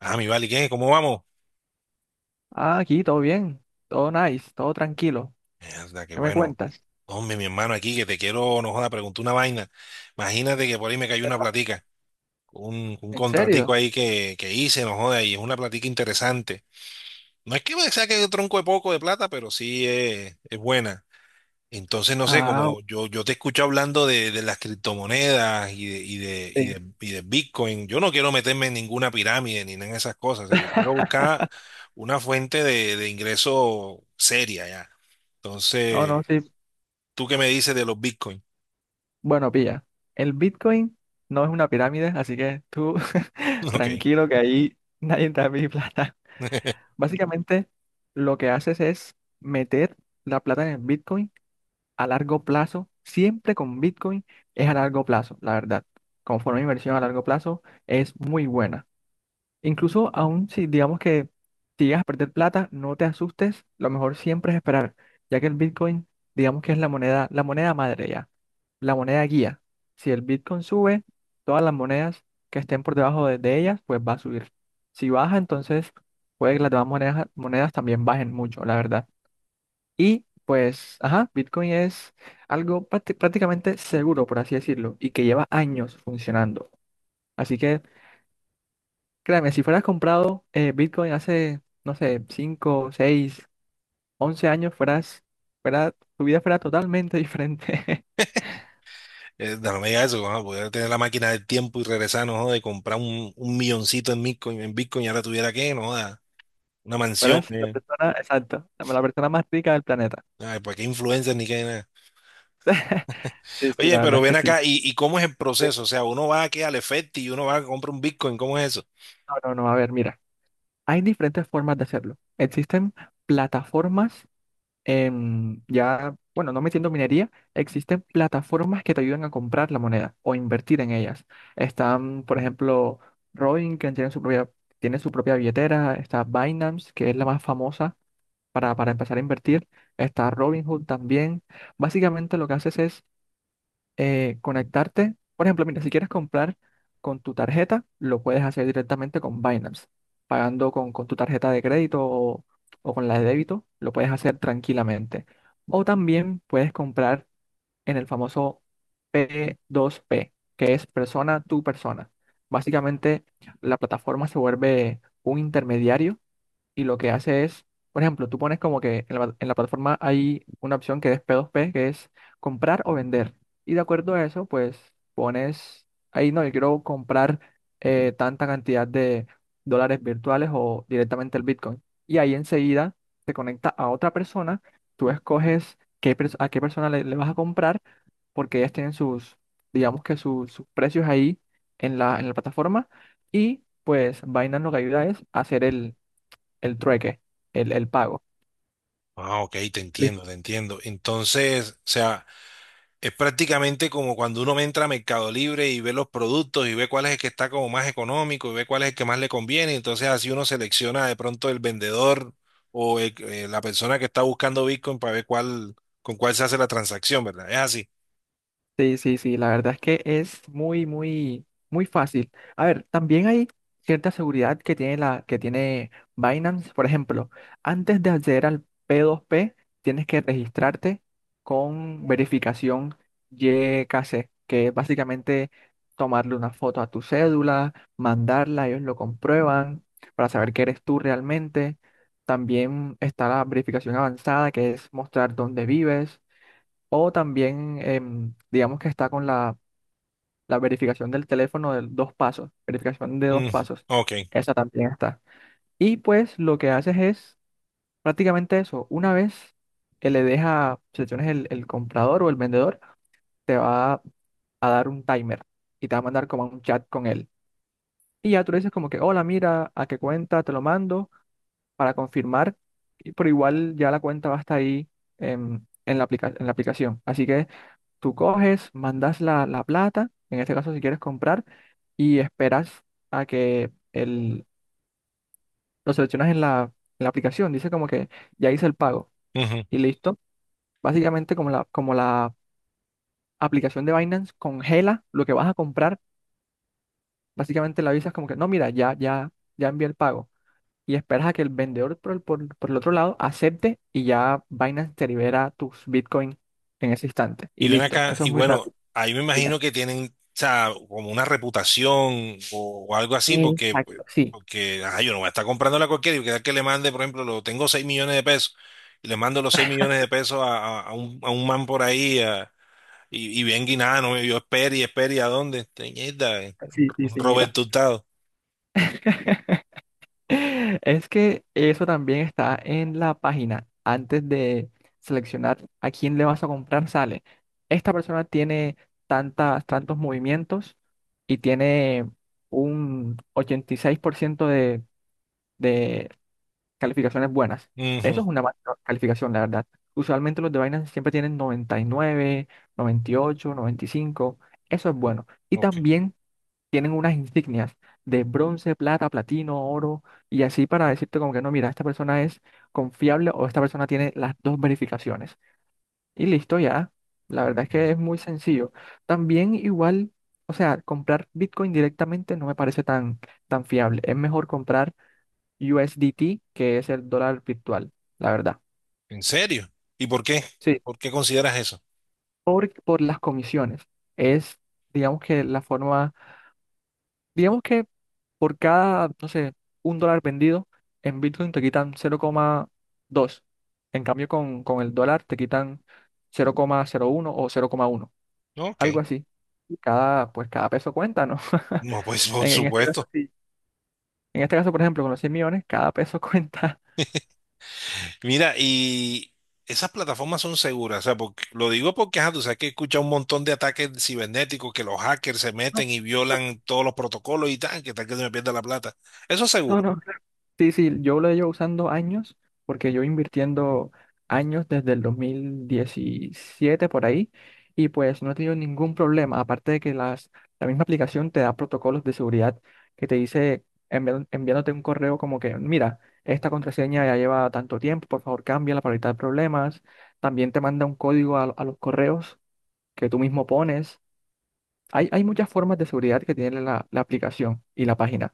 Ah, mi vale. ¿Y qué? ¿Cómo vamos? Ah, aquí todo bien, todo nice, todo tranquilo. Mierda, qué ¿Qué me bueno. cuentas? Hombre, mi hermano, aquí que te quiero, no joda, preguntar una vaina. Imagínate que por ahí me cayó una Cuéntame. platica, un ¿En contratico serio? ahí que hice, no joda, y es una platica interesante. No es que me saque un tronco de poco de plata, pero sí es buena. Entonces, no sé, Ah, como yo te escucho hablando de las criptomonedas y de, y de, y sí. de, y de Bitcoin, yo no quiero meterme en ninguna pirámide ni nada en esas cosas. O sea, yo quiero buscar una fuente de ingreso seria ya. No, Entonces, no, sí. ¿tú qué me dices de los Bitcoin? Bueno, pilla. El Bitcoin no es una pirámide, así que tú Ok, tranquilo que ahí nadie te da mi plata. Básicamente, lo que haces es meter la plata en el Bitcoin a largo plazo. Siempre con Bitcoin es a largo plazo, la verdad. Como forma de inversión a largo plazo es muy buena. Incluso aún si digamos que si llegas a perder plata, no te asustes, lo mejor siempre es esperar, ya que el Bitcoin, digamos que es la moneda madre ya, la moneda guía. Si el Bitcoin sube, todas las monedas que estén por debajo de ellas, pues va a subir. Si baja, entonces puede que las demás monedas, monedas también bajen mucho, la verdad. Y pues, ajá, Bitcoin es algo prácticamente seguro, por así decirlo, y que lleva años funcionando. Así que créeme, si fueras comprado Bitcoin hace, no sé, 5 6 11 años, fuera, tu vida fuera totalmente diferente. no me digas eso, vamos a poder tener la máquina del tiempo y regresar, no joda, de comprar un milloncito en Bitcoin y ahora tuviera que, no joda, una mansión. Fueras la persona, exacto, la persona más rica del planeta. Ay, pues qué influencers ni qué nada. Sí, sí, Oye, la pero verdad es que ven sí. acá, ¿y cómo es el Sí. proceso? O sea, uno va aquí al Efecti y uno va a comprar un Bitcoin, ¿cómo es eso? No, no, no, a ver, mira, hay diferentes formas de hacerlo. Existen plataformas ya, bueno, no metiendo minería, existen plataformas que te ayudan a comprar la moneda o invertir en ellas. Están, por ejemplo, Robin, que tiene su propia billetera, está Binance, que es la más famosa para empezar a invertir, está Robinhood también. Básicamente lo que haces es conectarte. Por ejemplo, mira, si quieres comprar con tu tarjeta, lo puedes hacer directamente con Binance, pagando con tu tarjeta de crédito o con la de débito, lo puedes hacer tranquilamente. O también puedes comprar en el famoso P2P, que es persona tu persona. Básicamente, la plataforma se vuelve un intermediario y lo que hace es, por ejemplo, tú pones como que en la plataforma hay una opción que es P2P, que es comprar o vender. Y de acuerdo a eso, pues pones ahí, no, yo quiero comprar tanta cantidad de dólares virtuales o directamente el Bitcoin. Y ahí enseguida te conecta a otra persona, tú escoges qué, a qué persona le vas a comprar, porque ellas tienen sus, digamos que sus precios ahí en la plataforma. Y pues Binance lo que ayuda es hacer el trueque, el pago. Ah, ok, te Lis- entiendo, te entiendo. Entonces, o sea, es prácticamente como cuando uno entra a Mercado Libre y ve los productos y ve cuál es el que está como más económico y ve cuál es el que más le conviene. Entonces, así uno selecciona de pronto el vendedor o la persona que está buscando Bitcoin para ver cuál, con cuál se hace la transacción, ¿verdad? Es así. Sí, sí, sí, la verdad es que es muy fácil. A ver, también hay cierta seguridad que tiene que tiene Binance. Por ejemplo, antes de acceder al P2P, tienes que registrarte con verificación y YKC, que es básicamente tomarle una foto a tu cédula, mandarla, ellos lo comprueban para saber que eres tú realmente. También está la verificación avanzada, que es mostrar dónde vives. O también, digamos que está con la verificación del teléfono de dos pasos, verificación de dos Mm, pasos. ok. Esa también está. Y pues lo que haces es prácticamente eso. Una vez que le deja selecciones el comprador o el vendedor, te va a dar un timer y te va a mandar como un chat con él. Y ya tú le dices como que, hola, mira, ¿a qué cuenta te lo mando para confirmar? Pero igual ya la cuenta va a estar ahí en la en la aplicación. Así que... Tú coges, mandas la plata, en este caso si quieres comprar, y esperas a lo seleccionas en en la aplicación. Dice como que ya hice el pago y listo. Básicamente como como la aplicación de Binance congela lo que vas a comprar, básicamente la avisas como que no, mira, ya envié el pago. Y esperas a que el vendedor por por el otro lado acepte y ya Binance te libera tus Bitcoin en ese instante. Y Y ven listo. acá, Eso es y muy bueno, rápido. ahí me imagino Dime. que tienen, o sea, como una reputación o algo así, porque, Exacto. Sí, porque ajá, yo no voy a estar comprándola a cualquiera y que tal que le mande, por ejemplo, lo tengo 6 millones de pesos, y le mando los 6 millones de pesos a un man por ahí, a- y bien guinano, y yo espere y espere, ¿y a dónde? Teñida, sí, sí, sí, mira. Roberto Hurtado. Es que eso también está en la página. Antes de seleccionar a quién le vas a comprar, sale. Esta persona tiene tantos movimientos y tiene un 86% de calificaciones buenas. Ujú, Eso es una mala calificación, la verdad. Usualmente los de Binance siempre tienen noventa y nueve, noventa y ocho, noventa y cinco. Eso es bueno. Y ok, también tienen unas insignias de bronce, plata, platino, oro, y así para decirte como que no, mira, esta persona es confiable o esta persona tiene las dos verificaciones. Y listo ya. La verdad es ok. que es muy sencillo. También igual, o sea, comprar Bitcoin directamente no me parece tan fiable. Es mejor comprar USDT, que es el dólar virtual, la verdad. ¿En serio? ¿Y por qué? Sí, ¿Por qué consideras eso? Por las comisiones. Es, digamos que la forma, digamos que por cada, no sé, un dólar vendido, en Bitcoin te quitan 0,2. En cambio, con el dólar te quitan 0,01 o 0,1, Ok. algo así. Cada, pues cada peso cuenta, ¿no? No, pues por en este caso, supuesto. sí. En este caso, por ejemplo, con los 100 millones, cada peso cuenta. Mira, y esas plataformas son seguras, o sea, porque, lo digo porque, ajá, tú sabes que escucha un montón de ataques cibernéticos que los hackers se meten y violan todos los protocolos y tal que se me pierda la plata. Eso es No, seguro. no, no. Sí, sí, yo lo llevo usando años, porque yo invirtiendo años desde el 2017 por ahí, y pues no he tenido ningún problema, aparte de que las, la misma aplicación te da protocolos de seguridad que te dice enviándote un correo como que, mira, esta contraseña ya lleva tanto tiempo, por favor cámbiala para evitar problemas, también te manda un código a los correos que tú mismo pones. Hay muchas formas de seguridad que tiene la aplicación y la página.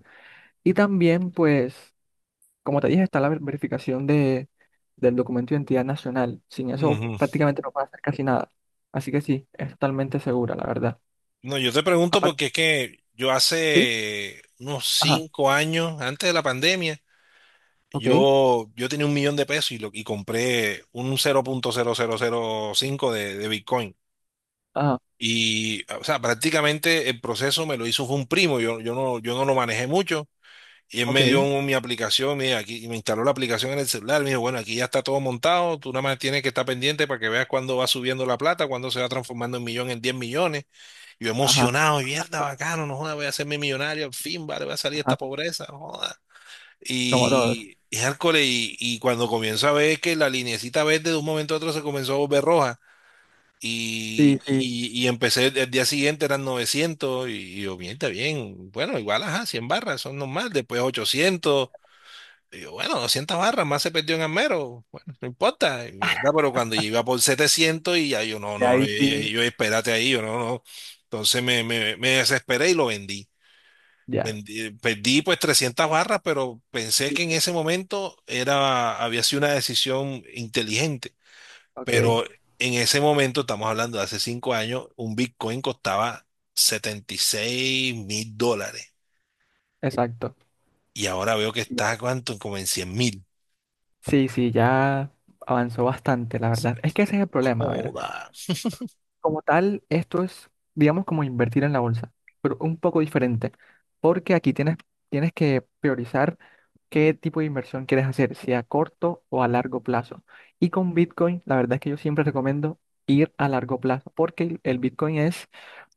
Y también, pues... Como te dije, está la verificación de, del documento de identidad nacional. Sin eso Ujú. prácticamente no puede hacer casi nada. Así que sí, es totalmente segura, la verdad. No, yo te pregunto Aparte, porque es que yo sí, hace unos ajá, 5 años, antes de la pandemia, ok, yo tenía 1 millón de pesos y, y compré un 0.0005 de Bitcoin. ajá, Y, o sea, prácticamente el proceso me lo hizo fue un primo, yo no lo manejé mucho. Y él me dio ok, mi aplicación, mira, aquí, y me instaló la aplicación en el celular. Me dijo, bueno, aquí ya está todo montado, tú nada más tienes que estar pendiente para que veas cuándo va subiendo la plata, cuándo se va transformando en millón, en 10 millones. Yo ajá, emocionado, mierda, bacano, no joda, voy a hacerme millonario, al fin, vale, voy a salir de ajá, esta pobreza, no joda. como todos. Hardcore, y cuando comienzo a ver que la linecita verde de un momento a otro se comenzó a volver roja. Y, Sí, sí, y, y empecé el día siguiente, eran 900 y yo, bien, está bien. Bueno, igual, ajá, 100 barras, son normal. Después 800 y yo, bueno, 200 barras, más se perdió en Amero. Bueno, no importa. Y mierda, pero cuando iba por 700 y ya yo, no, ya no, no, ahí sí, yo, espérate ahí, yo, no, no. Entonces me desesperé y lo vendí. ya. Perdí pues 300 barras, pero pensé Sí, que en sí, ese momento era, había sido una decisión inteligente. ok, Pero en ese momento, estamos hablando de hace 5 años, un Bitcoin costaba 76.000 dólares. exacto. Y ahora veo que Y está, ahora... ¿cuánto? Como en 100.000. Sí, sí, ya avanzó bastante, la verdad. Es que ese es el problema, a ver. Joda. Como tal, esto es, digamos, como invertir en la bolsa, pero un poco diferente, porque aquí tienes, tienes que priorizar qué tipo de inversión quieres hacer, si a corto o a largo plazo. Y con Bitcoin, la verdad es que yo siempre recomiendo ir a largo plazo, porque el Bitcoin es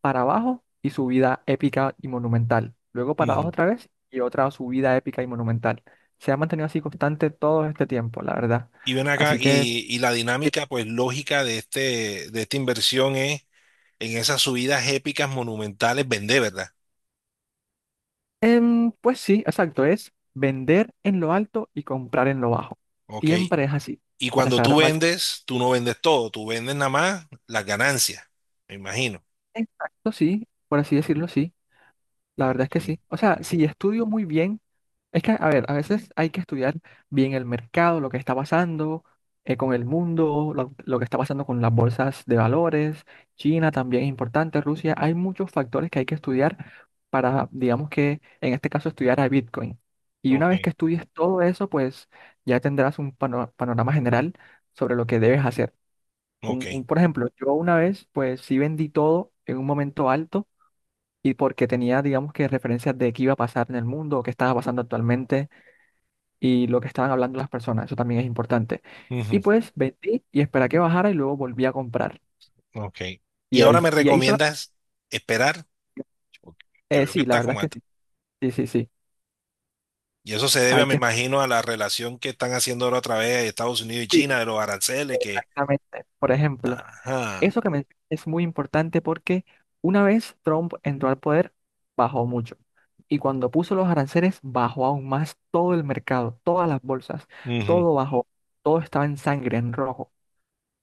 para abajo y subida épica y monumental. Luego para abajo otra vez y otra subida épica y monumental. Se ha mantenido así constante todo este tiempo, la verdad. Y ven acá, Así que... y la dinámica pues lógica de esta inversión es en esas subidas épicas monumentales vender, ¿verdad? Pues sí, exacto, es vender en lo alto y comprar en lo bajo. Ok. Siempre es así, Y para cuando tú saber más. vendes, tú no vendes todo, tú vendes nada más las ganancias, me imagino. Exacto, sí, por así decirlo, sí, la verdad es que Ok, sí. O sea, si estudio muy bien, es que, a ver, a veces hay que estudiar bien el mercado, lo que está pasando con el mundo, lo que está pasando con las bolsas de valores, China también es importante, Rusia, hay muchos factores que hay que estudiar para, digamos que, en este caso, estudiar a Bitcoin. Y una ok, vez que estudies todo eso, pues ya tendrás un panorama general sobre lo que debes hacer. ok. Por ejemplo, yo una vez, pues sí vendí todo en un momento alto y porque tenía, digamos que, referencias de qué iba a pasar en el mundo o qué estaba pasando actualmente y lo que estaban hablando las personas, eso también es importante. Y Ujú, pues vendí y esperé a que bajara y luego volví a comprar. ok. Y ahora me Y ahí solo, recomiendas esperar. Ok, que veo que sí, la está verdad como... at- es que sí, sí, sí, sí. Y eso se debe, Hay me que, imagino, a la relación que están haciendo ahora otra vez Estados Unidos y sí, China, de los aranceles, que... exactamente. Por ejemplo, Ajá. eso que mencionas es muy importante porque una vez Trump entró al poder, bajó mucho. Y cuando puso los aranceles, bajó aún más todo el mercado, todas las bolsas, Ujú, todo bajó, todo estaba en sangre, en rojo.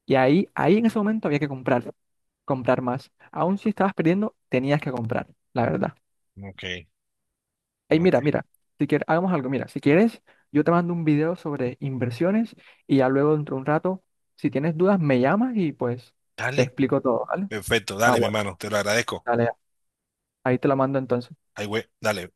Y ahí, ahí en ese momento había que comprar. Comprar más. Aún si estabas perdiendo, tenías que comprar, la verdad. ok. Ey, mira, Ok, mira, si quieres, hagamos algo, mira, si quieres, yo te mando un video sobre inversiones y ya luego dentro de un rato, si tienes dudas, me llamas y pues te dale, explico todo, ¿vale? perfecto, Ah, dale, mi bueno, hermano, te lo agradezco. dale, ahí te lo mando entonces. Ay, güey, dale.